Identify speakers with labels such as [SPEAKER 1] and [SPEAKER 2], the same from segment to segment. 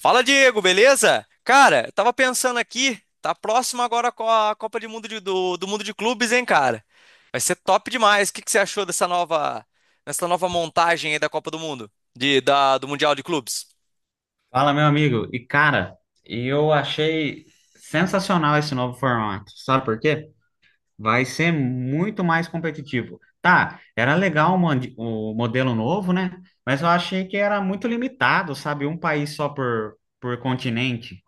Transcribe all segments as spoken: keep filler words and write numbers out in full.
[SPEAKER 1] Fala, Diego, beleza? Cara, eu tava pensando aqui, tá próximo agora com a Copa de Mundo de- do, do Mundo de Clubes, hein, cara? Vai ser top demais. O que que você achou dessa nova, dessa nova montagem aí da Copa do Mundo, de, da, do Mundial de Clubes?
[SPEAKER 2] Fala, meu amigo. E cara, eu achei sensacional esse novo formato. Sabe por quê? Vai ser muito mais competitivo. Tá, era legal o mande- o modelo novo, né? Mas eu achei que era muito limitado, sabe? Um país só por, por continente.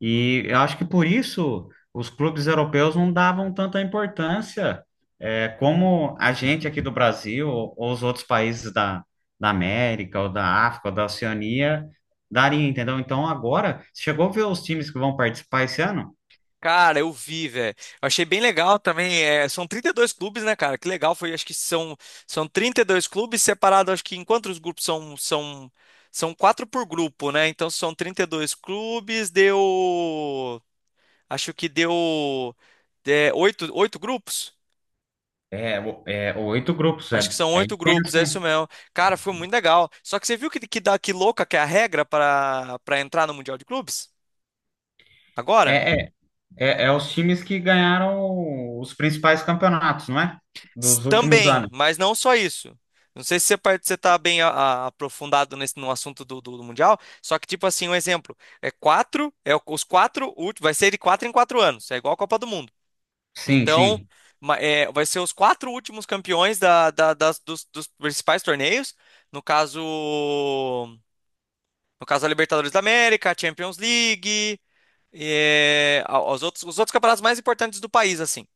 [SPEAKER 2] E eu acho que por isso os clubes europeus não davam tanta importância, é, como a gente aqui do Brasil ou os outros países da, da América ou da África ou da Oceania daria, entendeu? Então agora, chegou a ver os times que vão participar esse ano?
[SPEAKER 1] Cara, eu vi, velho. Eu achei bem legal também. É, são trinta e dois clubes, né, cara? Que legal foi. Acho que são, são trinta e dois clubes separados. Acho que enquanto os grupos são, são, são quatro por grupo, né? Então são trinta e dois clubes, deu. Acho que deu é, oito, oito grupos.
[SPEAKER 2] É, o- é oito grupos,
[SPEAKER 1] Acho que
[SPEAKER 2] é,
[SPEAKER 1] são
[SPEAKER 2] é
[SPEAKER 1] oito
[SPEAKER 2] intenso,
[SPEAKER 1] grupos, é isso
[SPEAKER 2] hein?
[SPEAKER 1] mesmo. Cara, foi muito legal. Só que você viu que, que, dá, que louca que é a regra para para entrar no Mundial de Clubes? Agora?
[SPEAKER 2] É, é, é, é os times que ganharam os principais campeonatos, não é?
[SPEAKER 1] S-
[SPEAKER 2] Dos últimos
[SPEAKER 1] Também,
[SPEAKER 2] anos.
[SPEAKER 1] mas não só isso. Não sei se você, par- você tá bem a- a- aprofundado nesse, no assunto do, do, do Mundial, só que, tipo assim, um exemplo. É quatro, é o- os quatro últimos, vai ser de quatro em quatro anos. É igual a Copa do Mundo.
[SPEAKER 2] Sim,
[SPEAKER 1] Então,
[SPEAKER 2] sim.
[SPEAKER 1] ma- é, vai ser os quatro últimos campeões da- da- das- dos, dos principais torneios. No caso, no caso a Libertadores da América, a Champions League, é, a- aos outros- os outros campeonatos mais importantes do país, assim.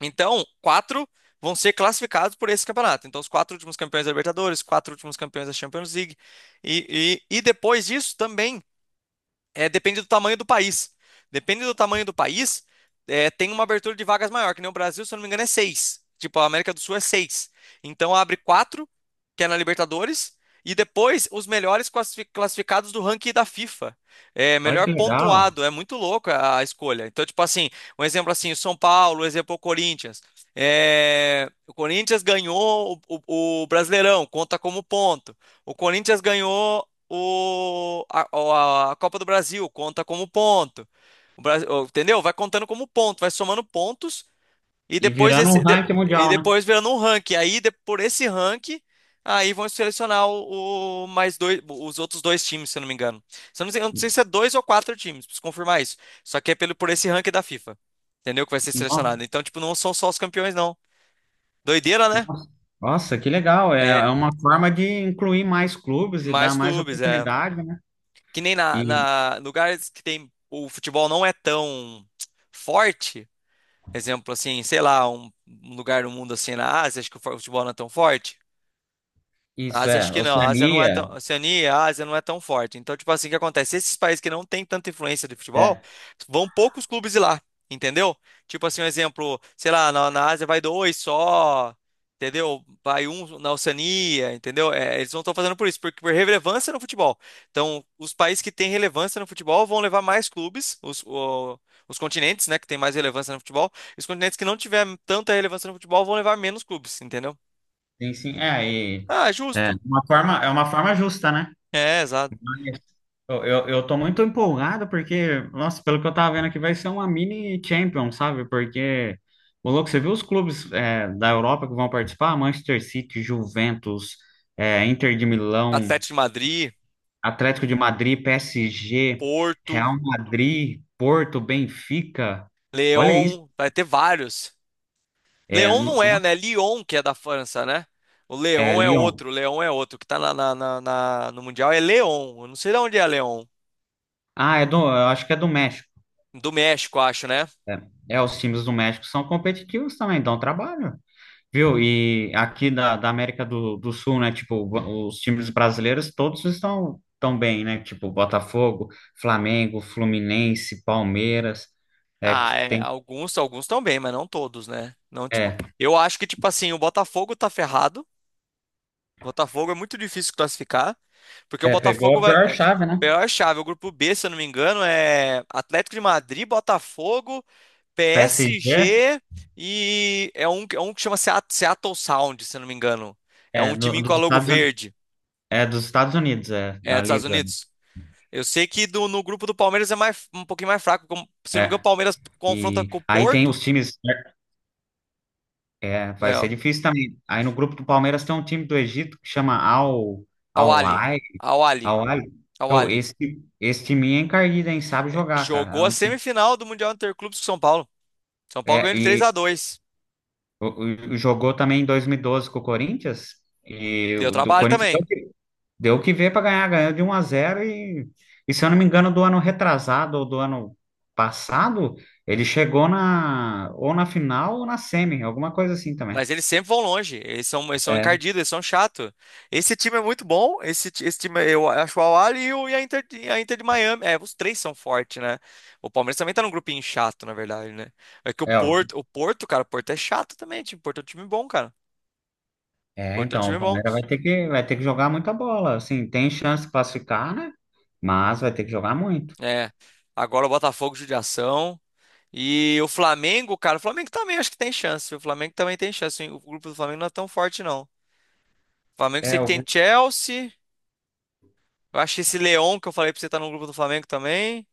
[SPEAKER 1] Então, quatro vão ser classificados por esse campeonato. Então, os quatro últimos campeões da Libertadores, quatro últimos campeões da Champions League. E, e- e depois disso também. É, depende do tamanho do país. Depende do tamanho do país, é, tem uma abertura de vagas maior, que nem o Brasil, se eu não me engano, é seis. Tipo, a América do Sul é seis. Então abre quatro, que é na Libertadores, e depois os melhores classifi- classificados do ranking da FIFA. É,
[SPEAKER 2] Olha
[SPEAKER 1] melhor
[SPEAKER 2] que legal.
[SPEAKER 1] pontuado, é muito louco a, a escolha. Então, tipo assim, um exemplo assim, o São Paulo, um exemplo o Corinthians. É, o Corinthians ganhou o, o o Brasileirão, conta como ponto. O Corinthians ganhou o, a, a- a Copa do Brasil conta como ponto. O Brasil, entendeu? Vai contando como ponto, vai somando pontos e
[SPEAKER 2] E
[SPEAKER 1] depois
[SPEAKER 2] virando um
[SPEAKER 1] esse de-
[SPEAKER 2] ranking
[SPEAKER 1] e
[SPEAKER 2] mundial, né?
[SPEAKER 1] depois virando um ranking. Aí de- por esse ranking aí vão selecionar o, o mais dois, os outros dois times, se eu não me engano. Se eu não sei, eu não sei se é dois ou quatro times, preciso confirmar isso. Só que é pelo por esse ranking da FIFA. Entendeu? Que vai ser
[SPEAKER 2] Nossa,
[SPEAKER 1] selecionado. Então, tipo, não são só os campeões, não. Doideira, né?
[SPEAKER 2] nossa, Nossa, que legal. É, é
[SPEAKER 1] É,
[SPEAKER 2] uma forma de incluir mais clubes e dar
[SPEAKER 1] mais
[SPEAKER 2] mais
[SPEAKER 1] clubes, é.
[SPEAKER 2] oportunidade, né?
[SPEAKER 1] Que nem na,
[SPEAKER 2] E
[SPEAKER 1] na lugares que tem o futebol não é tão forte, exemplo assim, sei lá, um um lugar no mundo assim na Ásia, acho que o futebol não é tão forte. Na
[SPEAKER 2] isso
[SPEAKER 1] Ásia, acho
[SPEAKER 2] é,
[SPEAKER 1] que não. A Ásia não é
[SPEAKER 2] Oceania.
[SPEAKER 1] tão. Oceania e a Ásia não é tão forte. Então, tipo assim, o que acontece? Esses países que não têm tanta influência de futebol,
[SPEAKER 2] É.
[SPEAKER 1] vão poucos clubes ir lá, entendeu? Tipo assim, um exemplo, sei lá, na, na Ásia vai dois só, entendeu? Vai um na Oceania, entendeu? É, eles não estão fazendo por isso, porque por relevância no futebol. Então, os países que têm relevância no futebol vão levar mais clubes, os, o- os continentes, né, que têm mais relevância no futebol, e os continentes que não tiver tanta relevância no futebol vão levar menos clubes, entendeu?
[SPEAKER 2] Sim, sim. É, e
[SPEAKER 1] Ah,
[SPEAKER 2] é
[SPEAKER 1] justo.
[SPEAKER 2] uma
[SPEAKER 1] É,
[SPEAKER 2] forma, é uma forma justa, né?
[SPEAKER 1] é, exato.
[SPEAKER 2] Mas Eu, eu, eu tô muito empolgado porque, nossa, pelo que eu tava vendo aqui, vai ser uma mini Champions, sabe? Porque, o louco, você viu os clubes é, da Europa que vão participar? Manchester City, Juventus, é, Inter de Milão,
[SPEAKER 1] Atlético de Madrid,
[SPEAKER 2] Atlético de Madrid, P S G,
[SPEAKER 1] Porto,
[SPEAKER 2] Real Madrid, Porto, Benfica. Olha isso.
[SPEAKER 1] Lyon, vai ter vários.
[SPEAKER 2] É,
[SPEAKER 1] Lyon
[SPEAKER 2] no-
[SPEAKER 1] não é, né?
[SPEAKER 2] nossa,
[SPEAKER 1] Lyon que é da França, né? O
[SPEAKER 2] é
[SPEAKER 1] Lyon é
[SPEAKER 2] Lyon.
[SPEAKER 1] outro, o Lyon é outro. O que tá na, na- na- na- no Mundial é Lyon. Eu não sei de onde é Lyon.
[SPEAKER 2] Ah, é do, eu acho que é do México.
[SPEAKER 1] Do México, acho, né?
[SPEAKER 2] É, é, os times do México são competitivos também, dão trabalho. Viu? E aqui da, da América do, do Sul, né? Tipo, o- os times brasileiros todos estão tão bem, né? Tipo, Botafogo, Flamengo, Fluminense, Palmeiras, é
[SPEAKER 1] Ah,
[SPEAKER 2] que
[SPEAKER 1] é,
[SPEAKER 2] tem.
[SPEAKER 1] alguns, alguns estão bem, mas não todos, né? Não, tipo,
[SPEAKER 2] É,
[SPEAKER 1] eu acho que, tipo assim, o Botafogo tá ferrado. O Botafogo é muito difícil classificar, porque o
[SPEAKER 2] é, pegou
[SPEAKER 1] Botafogo
[SPEAKER 2] a
[SPEAKER 1] vai.
[SPEAKER 2] pior
[SPEAKER 1] É,
[SPEAKER 2] chave, né?
[SPEAKER 1] pior chave, o grupo B, se eu não me engano, é Atlético de Madrid, Botafogo.
[SPEAKER 2] P S G
[SPEAKER 1] P S G e é um, é um que chama Seat- Seattle Sound, se eu não me engano. É
[SPEAKER 2] é
[SPEAKER 1] um
[SPEAKER 2] do-
[SPEAKER 1] timinho com
[SPEAKER 2] dos
[SPEAKER 1] a logo
[SPEAKER 2] Estados, Uni-
[SPEAKER 1] verde,
[SPEAKER 2] é dos Estados Unidos, é,
[SPEAKER 1] é
[SPEAKER 2] da
[SPEAKER 1] dos Estados
[SPEAKER 2] Liga, né?
[SPEAKER 1] Unidos. Eu sei que do- no grupo do Palmeiras é mais, um pouquinho mais fraco. como- se eu não me engano, o
[SPEAKER 2] É.
[SPEAKER 1] Palmeiras confronta
[SPEAKER 2] E
[SPEAKER 1] com o
[SPEAKER 2] aí tem
[SPEAKER 1] Porto.
[SPEAKER 2] os times, né? É, vai
[SPEAKER 1] É,
[SPEAKER 2] ser difícil também. Aí no grupo do Palmeiras tem um time do Egito que chama Al
[SPEAKER 1] Al
[SPEAKER 2] Al
[SPEAKER 1] Ahly,
[SPEAKER 2] Ahly,
[SPEAKER 1] Al Ahly,
[SPEAKER 2] Al Ahly.
[SPEAKER 1] Al
[SPEAKER 2] Pô,
[SPEAKER 1] Ahly.
[SPEAKER 2] esse esse time é encardido, hein? Sabe jogar, cara.
[SPEAKER 1] Jogou
[SPEAKER 2] É
[SPEAKER 1] a
[SPEAKER 2] um time-
[SPEAKER 1] semifinal do Mundial Interclubes com São Paulo. São Paulo
[SPEAKER 2] é,
[SPEAKER 1] ganhou de três
[SPEAKER 2] e
[SPEAKER 1] a dois.
[SPEAKER 2] o- o- o- jogou também em dois mil e doze com o Corinthians e
[SPEAKER 1] Deu
[SPEAKER 2] o do
[SPEAKER 1] trabalho
[SPEAKER 2] Corinthians
[SPEAKER 1] também.
[SPEAKER 2] deu que deu que ver para ganhar, ganhou de um a zero e, e, se eu não me engano do ano retrasado ou do ano passado, ele chegou na ou na final ou na semi, alguma coisa assim também.
[SPEAKER 1] Mas eles sempre vão longe. Eles são, eles são
[SPEAKER 2] É,
[SPEAKER 1] encardidos, eles são chato. Esse time é muito bom. Esse, ti- esse time, eu acho o Al Ahly e, o- e a Inter, de- a Inter de Miami. É, os três são fortes, né? O Palmeiras também tá num grupinho chato, na verdade, né? É que o
[SPEAKER 2] é,
[SPEAKER 1] Porto, o Porto, cara, o Porto é chato também. Tipo, o Porto é um time bom, cara. O
[SPEAKER 2] É,
[SPEAKER 1] Porto é um
[SPEAKER 2] então, o
[SPEAKER 1] time bom.
[SPEAKER 2] Palmeiras vai ter que, vai ter que jogar muita bola. Assim, tem chance de classificar, né? Mas vai ter que jogar muito.
[SPEAKER 1] É. Agora o Botafogo, judiação. E o Flamengo, cara, o Flamengo também acho que tem chance. O Flamengo também tem chance. O grupo do Flamengo não é tão forte, não. O Flamengo sei
[SPEAKER 2] É,
[SPEAKER 1] que
[SPEAKER 2] o,
[SPEAKER 1] tem Chelsea. Eu acho que esse leão que eu falei pra você tá no grupo do Flamengo também.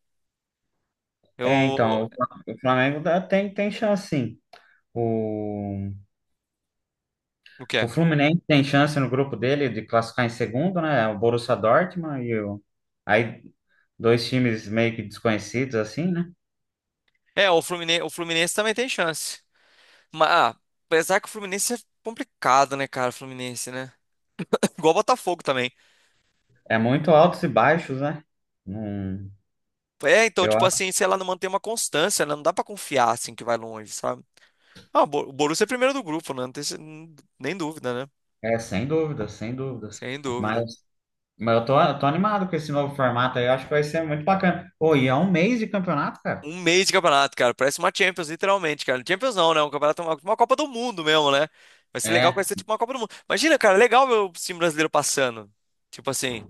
[SPEAKER 2] é
[SPEAKER 1] Eu.
[SPEAKER 2] então, o Fla- o Flamengo dá- tem, tem, chance, sim. O,
[SPEAKER 1] O que
[SPEAKER 2] o
[SPEAKER 1] é?
[SPEAKER 2] Fluminense tem chance no grupo dele de classificar em segundo, né? O Borussia Dortmund e o. Aí, dois times meio que desconhecidos, assim, né?
[SPEAKER 1] É, o Fluminense, o Fluminense também tem chance. Mas, ah, apesar que o Fluminense é complicado, né, cara? O Fluminense, né? Igual o Botafogo também.
[SPEAKER 2] É muito altos e baixos, né? Não,
[SPEAKER 1] É, então,
[SPEAKER 2] eu
[SPEAKER 1] tipo
[SPEAKER 2] acho.
[SPEAKER 1] assim, se ela não mantém uma constância, né? Não dá pra confiar, assim, que vai longe, sabe? Ah, o Bo- o Borussia é primeiro do grupo, né? Não tem, se- nem dúvida, né?
[SPEAKER 2] É, sem dúvidas, sem dúvidas.
[SPEAKER 1] Sem
[SPEAKER 2] Mas.
[SPEAKER 1] dúvida.
[SPEAKER 2] Mas eu tô, eu tô animado com esse novo formato aí, eu acho que vai ser muito bacana. Ô, e é um mês de campeonato, cara?
[SPEAKER 1] Um mês de campeonato, cara. Parece uma Champions, literalmente, cara. Champions não, né? Um campeonato, uma, uma Copa do Mundo mesmo, né? Vai ser legal que vai
[SPEAKER 2] É.
[SPEAKER 1] ser tipo uma Copa do Mundo. Imagina, cara, legal ver o time brasileiro passando. Tipo assim,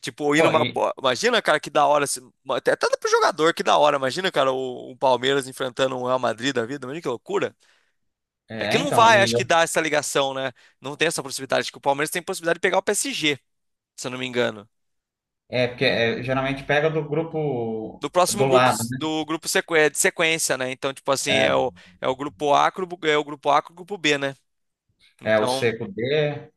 [SPEAKER 1] tipo, indo
[SPEAKER 2] Ô,
[SPEAKER 1] uma.
[SPEAKER 2] e,
[SPEAKER 1] Pô, imagina, cara, que da hora. Assim, uma- Até até pro jogador, que da hora. Imagina, cara, o, o Palmeiras enfrentando um Real Madrid da vida. Imagina que loucura. É que
[SPEAKER 2] é,
[SPEAKER 1] não
[SPEAKER 2] então,
[SPEAKER 1] vai,
[SPEAKER 2] e
[SPEAKER 1] acho que, dar essa ligação, né? Não tem essa possibilidade. Acho que o Palmeiras tem possibilidade de pegar o P S G, se eu não me engano.
[SPEAKER 2] É porque é, geralmente pega do grupo
[SPEAKER 1] Do próximo
[SPEAKER 2] do
[SPEAKER 1] grupo,
[SPEAKER 2] lado, né?
[SPEAKER 1] do grupo sequ- é, de sequência, né? Então, tipo assim, é o, é o grupo A, grupo, é o grupo A, com o grupo B, né?
[SPEAKER 2] É, é o
[SPEAKER 1] Então,
[SPEAKER 2] seco D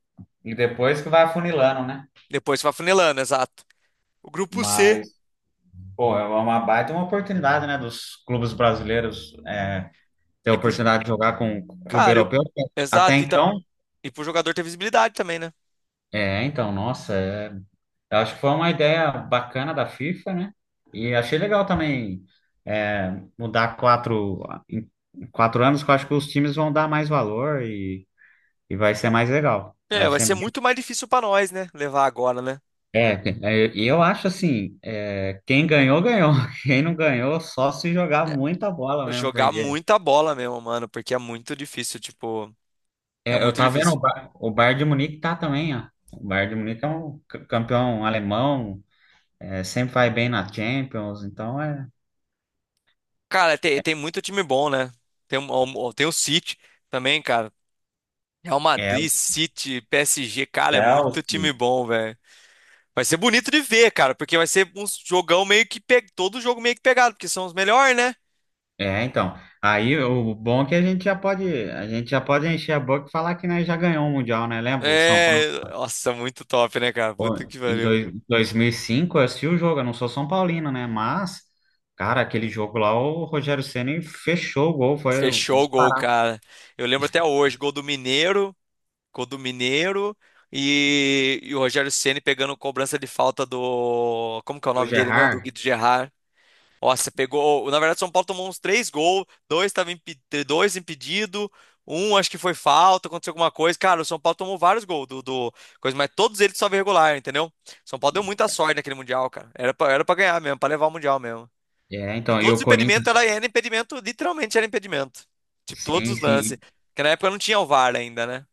[SPEAKER 2] e depois que vai afunilando, né?
[SPEAKER 1] depois vai funilando, exato. O grupo C,
[SPEAKER 2] Mas, pô, é uma baita uma oportunidade, né, dos clubes brasileiros é, ter a
[SPEAKER 1] e pro, jo-
[SPEAKER 2] oportunidade de jogar com o clube
[SPEAKER 1] cara, eu-
[SPEAKER 2] europeu. Até
[SPEAKER 1] exato, e, tá,
[SPEAKER 2] então,
[SPEAKER 1] e pro jogador ter visibilidade também, né?
[SPEAKER 2] é, então, nossa, é Eu acho que foi uma ideia bacana da FIFA, né? E achei legal também, é, mudar quatro, em quatro anos, que eu acho que os times vão dar mais valor e, e vai ser mais legal.
[SPEAKER 1] É,
[SPEAKER 2] Vai
[SPEAKER 1] vai ser
[SPEAKER 2] ser.
[SPEAKER 1] muito mais difícil pra nós, né? Levar agora, né?
[SPEAKER 2] É, é, e eu acho assim, é, quem ganhou, ganhou. Quem não ganhou, só se jogar
[SPEAKER 1] É,
[SPEAKER 2] muita bola mesmo,
[SPEAKER 1] jogar
[SPEAKER 2] porque
[SPEAKER 1] muita bola mesmo, mano, porque é muito difícil, tipo, é
[SPEAKER 2] é, eu
[SPEAKER 1] muito
[SPEAKER 2] tava vendo
[SPEAKER 1] difícil.
[SPEAKER 2] o Bar- o Bayern de Munique tá também, ó. O Bayern de Munique é um c- campeão alemão, é, sempre vai bem na Champions, então é,
[SPEAKER 1] Cara, tem, tem muito time bom, né? Tem, um- tem o City também, cara. Real
[SPEAKER 2] é o
[SPEAKER 1] Madrid, City, P S G, cara, é muito time
[SPEAKER 2] Chelsea.
[SPEAKER 1] bom, velho. Vai ser bonito de ver, cara, porque vai ser um jogão meio que pe... todo jogo meio que pegado, porque são os melhores, né?
[SPEAKER 2] É, então. Aí o bom é que a gente já pode, a gente já pode encher a boca e falar que nós já ganhou o Mundial, né? Lembra? O São Paulo
[SPEAKER 1] É, nossa, muito top, né, cara?
[SPEAKER 2] pô,
[SPEAKER 1] Puta que
[SPEAKER 2] em
[SPEAKER 1] pariu.
[SPEAKER 2] dois, 2005, eu assisti o jogo, eu não sou São Paulino, né? Mas, cara, aquele jogo lá, o Rogério Ceni fechou o gol, foi
[SPEAKER 1] Fechou o gol,
[SPEAKER 2] disparado
[SPEAKER 1] cara. Eu lembro até hoje, gol do Mineiro, gol do Mineiro e, e o Rogério Ceni pegando cobrança de falta do, como que é o
[SPEAKER 2] do
[SPEAKER 1] nome dele mesmo? Do
[SPEAKER 2] Gerrard.
[SPEAKER 1] Guido Gerard. Ó, você pegou. Na verdade, o São Paulo tomou uns três gols, dois estavam impe... dois impedido, um acho que foi falta, aconteceu alguma coisa. Cara, o São Paulo tomou vários gols do, do coisa, mas todos eles só regular, entendeu? São Paulo deu muita sorte naquele Mundial, cara. Era pra, era pra ganhar mesmo, pra levar o Mundial mesmo.
[SPEAKER 2] É,
[SPEAKER 1] E
[SPEAKER 2] então, e
[SPEAKER 1] todos os
[SPEAKER 2] o
[SPEAKER 1] impedimentos
[SPEAKER 2] Corinthians,
[SPEAKER 1] era, era impedimento, literalmente era impedimento. Tipo, todos
[SPEAKER 2] sim,
[SPEAKER 1] os lances.
[SPEAKER 2] sim,
[SPEAKER 1] Porque na época não tinha o VAR ainda, né?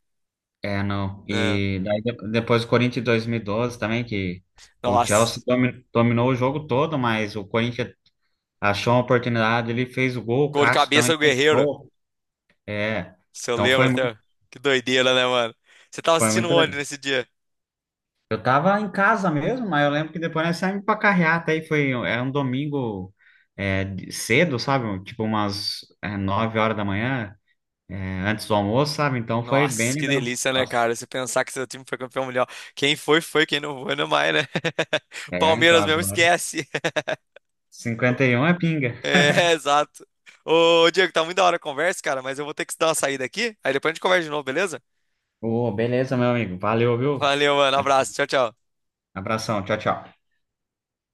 [SPEAKER 2] é, não.
[SPEAKER 1] É.
[SPEAKER 2] E daí de- depois o Corinthians em dois mil e doze também, que o Chelsea
[SPEAKER 1] Nossa,
[SPEAKER 2] domi- dominou o jogo todo, mas o Corinthians achou uma oportunidade, ele fez o gol, o
[SPEAKER 1] gol de
[SPEAKER 2] Cássio
[SPEAKER 1] cabeça
[SPEAKER 2] também
[SPEAKER 1] do Guerreiro.
[SPEAKER 2] fechou. É,
[SPEAKER 1] Se eu
[SPEAKER 2] então foi,
[SPEAKER 1] lembro
[SPEAKER 2] mu-
[SPEAKER 1] até. Que doideira, né, mano? Você tava
[SPEAKER 2] foi
[SPEAKER 1] assistindo
[SPEAKER 2] muito.
[SPEAKER 1] onde nesse dia?
[SPEAKER 2] Eu tava em casa mesmo, mas eu lembro que depois nós saímos pra carreata aí, foi, era um domingo é, de- cedo, sabe? Tipo umas é, nove horas da manhã, é, antes do almoço, sabe? Então foi bem
[SPEAKER 1] Nossa, que
[SPEAKER 2] legal.
[SPEAKER 1] delícia, né,
[SPEAKER 2] Nossa,
[SPEAKER 1] cara? Você pensar que seu time foi campeão mundial. Quem foi, foi. Quem não foi, não é mais, né?
[SPEAKER 2] é, então
[SPEAKER 1] Palmeiras mesmo,
[SPEAKER 2] agora
[SPEAKER 1] esquece.
[SPEAKER 2] cinquenta e um é pinga.
[SPEAKER 1] É, exato. Ô, Diego, tá muito a a hora a conversa, cara. Mas eu vou ter que dar uma saída aqui. Aí depois a gente conversa de novo, beleza?
[SPEAKER 2] Ô, beleza, meu amigo, valeu, viu?
[SPEAKER 1] Valeu, mano. Abraço. Tchau, tchau.
[SPEAKER 2] Abração, tchau, tchau.